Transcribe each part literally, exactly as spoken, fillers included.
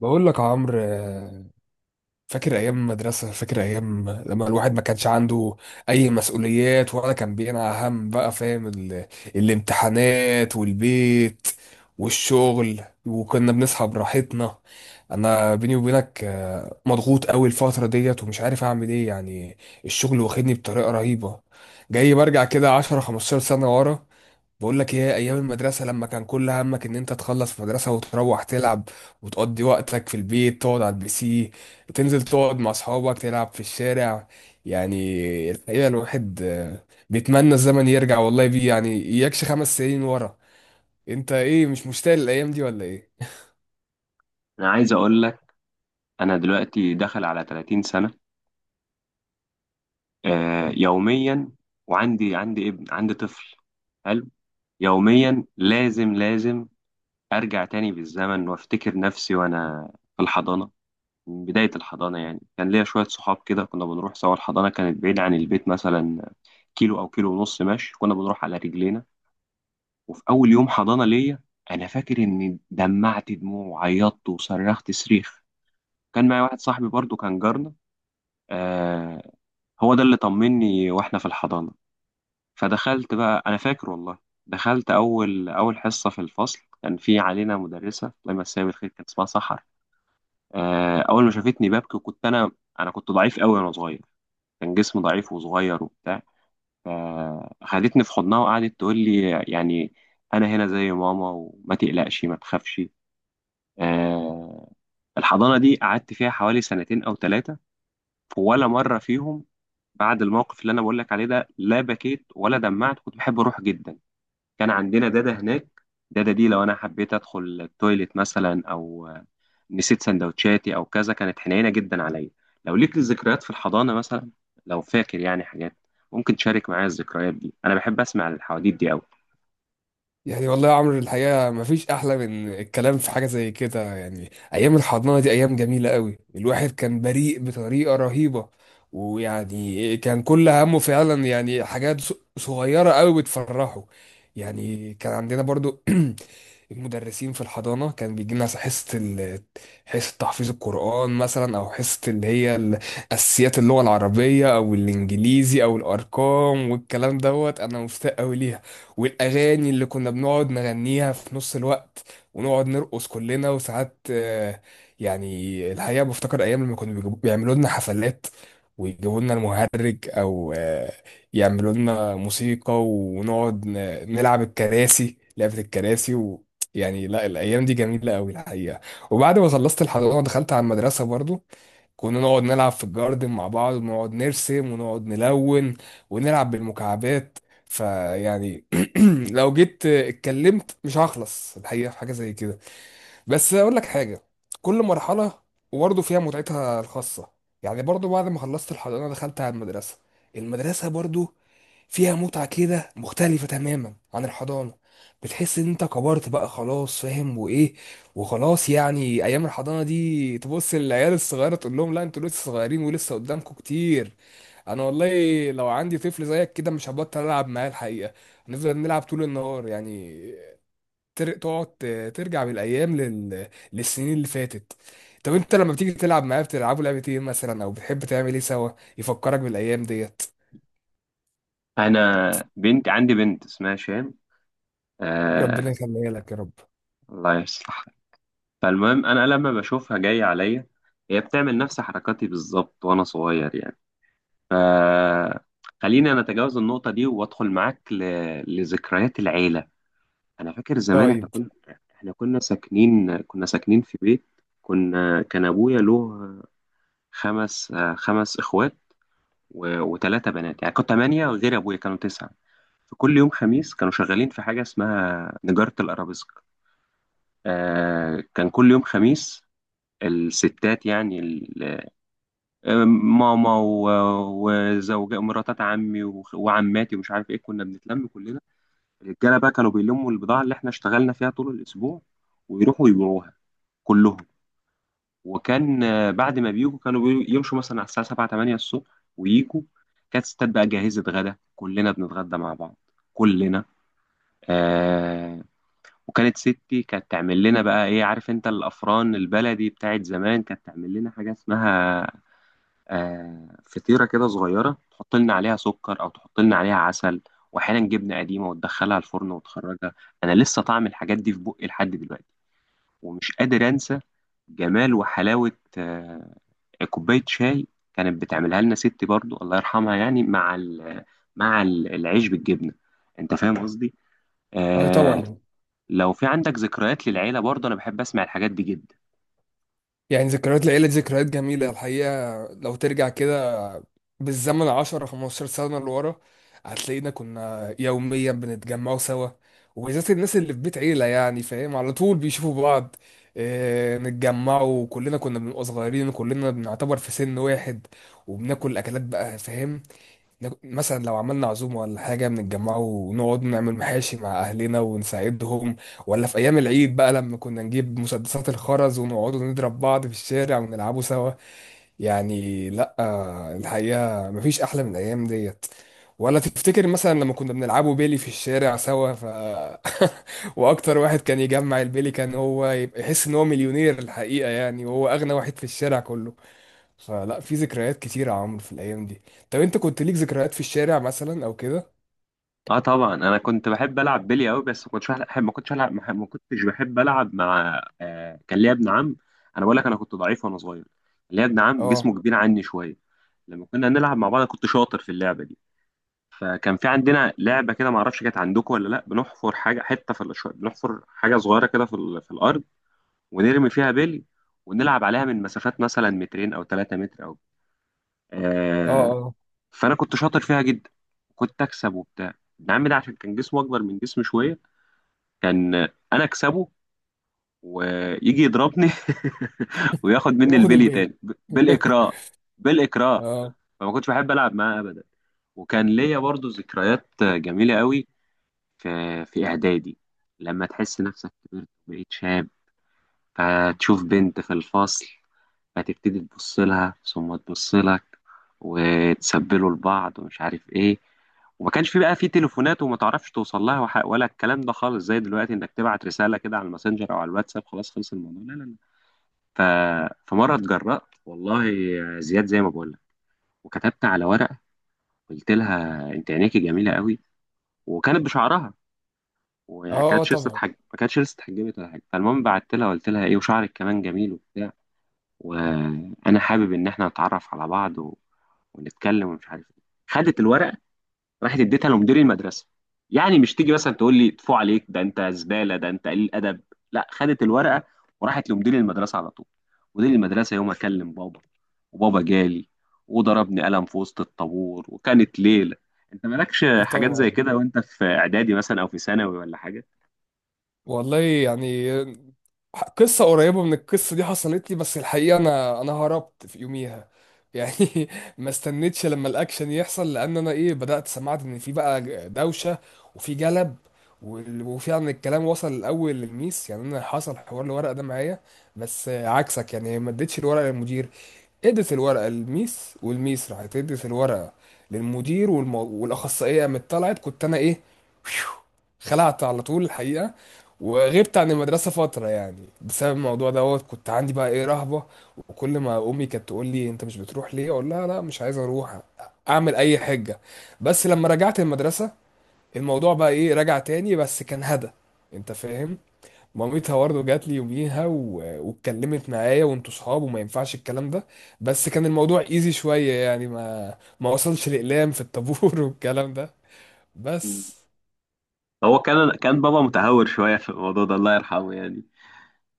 بقول لك يا عمرو، آه، فاكر ايام المدرسه، فاكر ايام لما الواحد ما كانش عنده اي مسؤوليات ولا كان بينا هم؟ بقى فاهم ال... الامتحانات والبيت والشغل، وكنا بنصحى براحتنا. انا بيني وبينك، آه، مضغوط قوي الفتره ديت ومش عارف اعمل ايه، يعني الشغل واخدني بطريقه رهيبه. جاي برجع كده عشرة خمسة عشر سنه ورا. بقول لك ايه؟ ايام المدرسه لما كان كل همك ان انت تخلص مدرسه وتروح تلعب، وتقضي وقتك في البيت، تقعد على البي سي، تنزل تقعد مع اصحابك تلعب في الشارع. يعني الحقيقه الواحد آه، بيتمنى الزمن يرجع، والله بيه يعني اياكش خمس سنين ورا. انت ايه، مش مشتاق للايام دي ولا ايه؟ انا عايز اقول لك. انا دلوقتي داخل على ثلاثين سنه، آه، يوميا وعندي عندي ابن، عندي طفل حلو. يوميا لازم لازم ارجع تاني بالزمن وافتكر نفسي وانا في الحضانه. من بدايه الحضانه يعني كان ليا شويه صحاب كده، كنا بنروح سوا. الحضانه كانت بعيده عن البيت، مثلا كيلو او كيلو ونص ماشي، كنا بنروح على رجلينا. وفي اول يوم حضانه ليا انا فاكر اني دمعت دموع وعيطت وصرخت صريخ. كان معايا واحد صاحبي برضو كان جارنا، آه، هو ده اللي طمني واحنا في الحضانة. فدخلت بقى، انا فاكر والله، دخلت اول اول حصة في الفصل. كان في علينا مدرسة، الله يمسيها بالخير، كانت اسمها سحر. آه، اول ما شافتني ببكي، وكنت انا انا كنت ضعيف قوي وانا صغير، كان جسمي ضعيف وصغير وبتاع. فخدتني في حضنها وقعدت تقول لي يعني انا هنا زي ماما، وما تقلقش ما تخافش. آه، الحضانة دي قعدت فيها حوالي سنتين او ثلاثة. ولا مرة فيهم، بعد الموقف اللي أنا بقول لك عليه ده، لا بكيت ولا دمعت، كنت بحب أروح جدا. كان عندنا دادا هناك، دادا دي لو أنا حبيت أدخل التويليت مثلا، أو آه، نسيت سندوتشاتي أو كذا، كانت حنينة جدا عليا. لو ليك ذكريات في الحضانة مثلا، لو فاكر يعني حاجات، ممكن تشارك معايا الذكريات دي. أنا بحب أسمع الحواديت دي أوي. يعني والله يا عمرو، الحقيقة مفيش أحلى من الكلام في حاجة زي كده. يعني أيام الحضانة دي أيام جميلة قوي، الواحد كان بريء بطريقة رهيبة. ويعني كان كل همه فعلا يعني حاجات ص- صغيرة قوي بتفرحه. يعني كان عندنا برضو المدرسين في الحضانة كان بيجي لنا حصة ال... حصة تحفيظ القرآن مثلا، أو حصة اللي هي ال- أساسيات اللغة العربية أو الإنجليزي أو الأرقام والكلام دوت. أنا مشتاق أوي ليها، والأغاني اللي كنا بنقعد نغنيها في نص الوقت، ونقعد نرقص كلنا. وساعات آه، يعني الحقيقة بفتكر أيام لما كانوا بيجيبوا- بيعملوا لنا حفلات، ويجيبوا لنا المهرج، أو آه، يعملوا لنا موسيقى، ونقعد ن- نلعب الكراسي، لعبة الكراسي. يعني لا، الايام دي جميله قوي الحقيقه. وبعد ما خلصت الحضانه دخلت على المدرسه برضو، كنا نقعد نلعب في الجاردن مع بعض، ونقعد نرسم، ونقعد نلون، ونلعب بالمكعبات. فيعني لو جيت اتكلمت مش هخلص الحقيقه في حاجه زي كده. بس اقول لك حاجه، كل مرحله وبرضه فيها متعتها الخاصه. يعني برضه بعد ما خلصت الحضانه دخلت على المدرسه، المدرسه برضه فيها متعه كده مختلفه تماما عن الحضانه. بتحس ان انت كبرت بقى خلاص، فاهم وايه. وخلاص يعني ايام الحضانه دي تبص للعيال الصغيره تقول لهم لا، انتوا لسه صغيرين ولسه قدامكم كتير. انا والله لو عندي طفل زيك كده مش هبطل العب معاه الحقيقه، هنفضل نلعب طول النهار يعني. تر- تقعد ت- ترجع بالايام لل... للسنين اللي فاتت. طب انت لما بتيجي تلعب معاه بتلعبوا لعبة ايه مثلا، او بتحب تعمل ايه سوا يفكرك بالايام ديت؟ أنا بنت، عندي بنت اسمها شام. ربنا آه، يخليها لك يا رب. الله يصلحها. فالمهم انا لما بشوفها جايه عليا، هي بتعمل نفس حركاتي بالظبط وانا صغير يعني. ف، خليني انا اتجاوز النقطه دي وادخل معاك ل، لذكريات العيله. انا فاكر زمان طيب. احنا كنا احنا كنا ساكنين كنا ساكنين في بيت. كنا كان ابويا له خمس خمس اخوات، و... وثلاثه بنات، يعني كنت ثمانيه غير ابويا كانوا تسعه. فكل يوم خميس كانوا شغالين في حاجة اسمها نجارة الأرابيسك. آه، كان كل يوم خميس الستات يعني، ماما و- وزوجة مراتات عمي، وخ- وعماتي، ومش عارف ايه، كنا بنتلم كلنا. الرجاله بقى كانوا بيلموا البضاعه اللي احنا اشتغلنا فيها طول الاسبوع، ويروحوا يبيعوها كلهم. وكان، آه، بعد ما بيجوا كانوا بي- يمشوا مثلا على الساعه سبعة تمانية الصبح ويجوا. كانت ستات بقى جاهزه غدا، كلنا بنتغدى مع بعض كلنا. آه، وكانت ستي كانت تعمل لنا بقى ايه، عارف انت الافران البلدي بتاعت زمان، كانت تعمل لنا حاجه اسمها، آه، فطيرة كده صغيرة، تحط لنا عليها سكر أو تحط لنا عليها عسل، وأحيانا جبنة قديمة، وتدخلها الفرن وتخرجها. أنا لسه طعم الحاجات دي في بقي لحد دلوقتي، ومش قادر أنسى جمال وحلاوة، آه، كوباية شاي كانت بتعملها لنا ستي برضو، الله يرحمها، يعني مع ال- مع ال- العيش بالجبنة. أنت فاهم قصدي؟ اه، آه. طبعا. لو في عندك ذكريات للعيلة برضو، أنا بحب أسمع الحاجات دي جدا. يعني ذكريات العيلة دي ذكريات جميلة الحقيقة. لو ترجع كده بالزمن عشر خمسة عشر سنة لورا، هتلاقينا كنا يوميا بنتجمعوا سوا، وبالذات الناس اللي في بيت عيلة يعني فاهم، على طول بيشوفوا بعض. آه، نتجمعوا كلنا كنا بنبقى صغيرين، وكلنا بنعتبر في سن واحد، وبناكل أكلات بقى فاهم. ناك- مثلا لو عملنا عزومة ولا حاجة بنتجمعوا ونقعد نعمل محاشي مع أهلنا ونساعدهم. ولا في أيام العيد بقى لما كنا نجيب مسدسات الخرز ونقعدوا نضرب بعض في الشارع ونلعبوا سوا. يعني لا، الحقيقة مفيش أحلى من الأيام ديت. ولا تفتكر مثلا لما كنا بنلعبوا بيلي في الشارع سوا؟ ف وأكتر واحد كان يجمع البيلي كان هو يبقى يحس إن هو مليونير الحقيقة، يعني وهو أغنى واحد في الشارع كله. فلا، في ذكريات كتيرة يا عمرو في الأيام دي. طب أنت كنت ليك ذكريات في الشارع مثلا أو كده؟ اه طبعا انا كنت بحب العب بلي قوي، بس ما كنتش بحب ما كنتش العب ما كنتش بحب العب مع، آه، كان ليا ابن عم. انا بقول لك انا كنت ضعيف وانا صغير. كان ليا ابن عم أه، جسمه كبير عني شويه. لما كنا نلعب مع بعض أنا كنت شاطر في اللعبه دي. فكان في عندنا لعبه كده، ما اعرفش كانت عندكم ولا لا، بنحفر حاجه حته في الش- بنحفر حاجه صغيره كده في, ال- في الارض، ونرمي فيها بلي، ونلعب عليها من مسافات مثلا مترين او ثلاثة متر او، أه، آه، أه. فانا كنت شاطر فيها جدا، كنت اكسب وبتاع. ابن عمي ده عشان كان جسمه اكبر من جسمي شويه، كان انا اكسبه، ويجي يضربني وياخد مني وناخد البلي البيلي. تاني ب- بالاكراه. بالاكراه. اه، فما كنتش بحب العب معاه ابدا. وكان ليا برضو ذكريات جميله قوي في، في اعدادي. لما تحس نفسك كبرت وبقيت شاب، فتشوف بنت في الفصل، فتبتدي تبص لها ثم تبص لك، وتسبلوا لبعض، ومش عارف ايه. وما كانش في بقى في تليفونات، وما تعرفش توصل لها وح- ولا الكلام ده خالص زي دلوقتي، انك تبعت رسالة كده على الماسنجر او على الواتساب، خلاص، خلص الموضوع. لا لا لا. ف... فمرة اتجرأت، والله يا زياد زي ما بقول لك، وكتبت على ورقة، قلت لها انت عينيكي جميلة قوي. وكانت بشعرها، اه. وما آه كانتش لسه طبعا. اتحج- ما كانتش لسه اتحجبت ولا حاجة. فالمهم بعت لها، قلت لها ايه، وشعرك كمان جميل وبتاع، وانا حابب ان احنا نتعرف على بعض و، ونتكلم، ومش عارف ايه. خدت الورقه، راحت اديتها لمدير المدرسه. يعني مش تيجي مثلا تقول لي ادفع عليك ده، انت زباله، ده انت قليل ادب. لا، خدت الورقه وراحت لمدير المدرسه على طول. مدير المدرسه يوم اكلم بابا، وبابا جالي وضربني قلم في وسط الطابور، وكانت ليله. انت مالكش آه حاجات زي طبعا، كده وانت في اعدادي مثلا او في ثانوي ولا حاجه؟ والله يعني ح- قصة قريبة من القصة دي حصلت لي. بس الحقيقة أنا أنا هربت في يوميها يعني. ما استنيتش لما الأكشن يحصل، لأن أنا إيه، بدأت سمعت إن في بقى دوشة، وفي جلب وال- وفعلا الكلام وصل الأول للميس. يعني أنا حصل حوار الورقة ده معايا، بس عكسك. يعني ما اديتش الورقة للمدير، ادت الورقة للميس، والميس راحت ادت الورقة للمدير، والم... والأخصائية قامت طلعت. كنت أنا إيه، خلعت على طول الحقيقة. وغبت عن المدرسة فترة يعني بسبب الموضوع دوت، كنت عندي بقى ايه، رهبة. وكل ما امي كانت تقول لي انت مش بتروح ليه، اقول لها لا مش عايز اروح، اعمل اي حجة. بس لما رجعت المدرسة الموضوع بقى ايه، رجع تاني بس كان هدى، انت فاهم. مامتها برضه جات لي يوميها و... واتكلمت معايا، وانتوا صحاب وما ينفعش الكلام ده. بس كان الموضوع ايزي شوية، يعني ما ما وصلش لإقلام في الطابور والكلام ده مم. بس. هو كان، كان بابا متهور شويه في الموضوع ده، الله يرحمه يعني.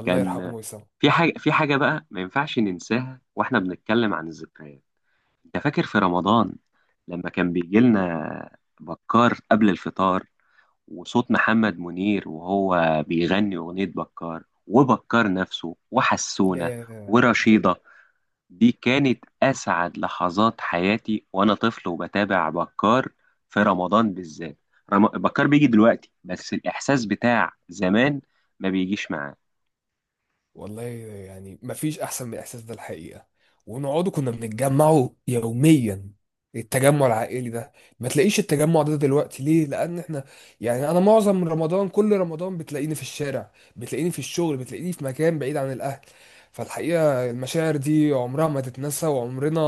الله كان يرحمه ويسامحه. في حاجة، في حاجة بقى ما ينفعش ننساها واحنا بنتكلم عن الذكريات. انت فاكر في رمضان لما كان بيجي لنا بكار قبل الفطار، وصوت محمد منير وهو بيغني أغنية بكار، وبكار نفسه، وحسونة، ياه ياه. ورشيدة، دي كانت أسعد لحظات حياتي، وأنا طفل وبتابع بكار في رمضان بالذات. رم... بكار بيجي دلوقتي بس الإحساس بتاع زمان ما بيجيش معاه. والله يعني مفيش احسن من الاحساس ده الحقيقه. ونقعدوا كنا بنتجمعوا يوميا، التجمع العائلي ده ما تلاقيش التجمع ده دلوقتي. ليه؟ لان احنا يعني انا معظم رمضان، كل رمضان بتلاقيني في الشارع، بتلاقيني في الشغل، بتلاقيني في مكان بعيد عن الاهل. فالحقيقه المشاعر دي عمرها ما تتنسى، وعمرنا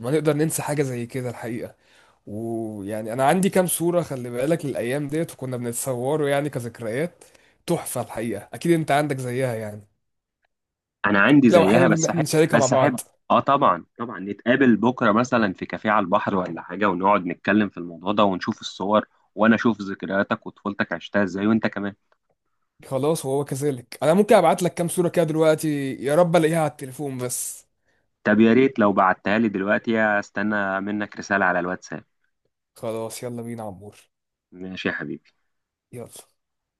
ما نقدر ننسى حاجه زي كده الحقيقه. ويعني انا عندي كام صوره، خلي بالك، للايام ديت وكنا بنتصوروا يعني كذكريات تحفة الحقيقة. أكيد أنت عندك زيها يعني، انا عندي لو زيها، حابب إن بس إحنا احب، نشاركها مع بس احب. بعض. اه طبعا طبعا. نتقابل بكره مثلا في كافيه على البحر ولا حاجه، ونقعد نتكلم في الموضوع ده ونشوف الصور، وانا اشوف ذكرياتك وطفولتك عشتها ازاي، وانت كمان. خلاص، وهو كذلك. أنا ممكن أبعت لك كام صورة كده دلوقتي، يا رب ألاقيها على التليفون بس. طب يا ريت لو بعتها لي دلوقتي، استنى منك رساله على الواتساب. خلاص يلا بينا يا عمور. ماشي يا حبيبي. يلا.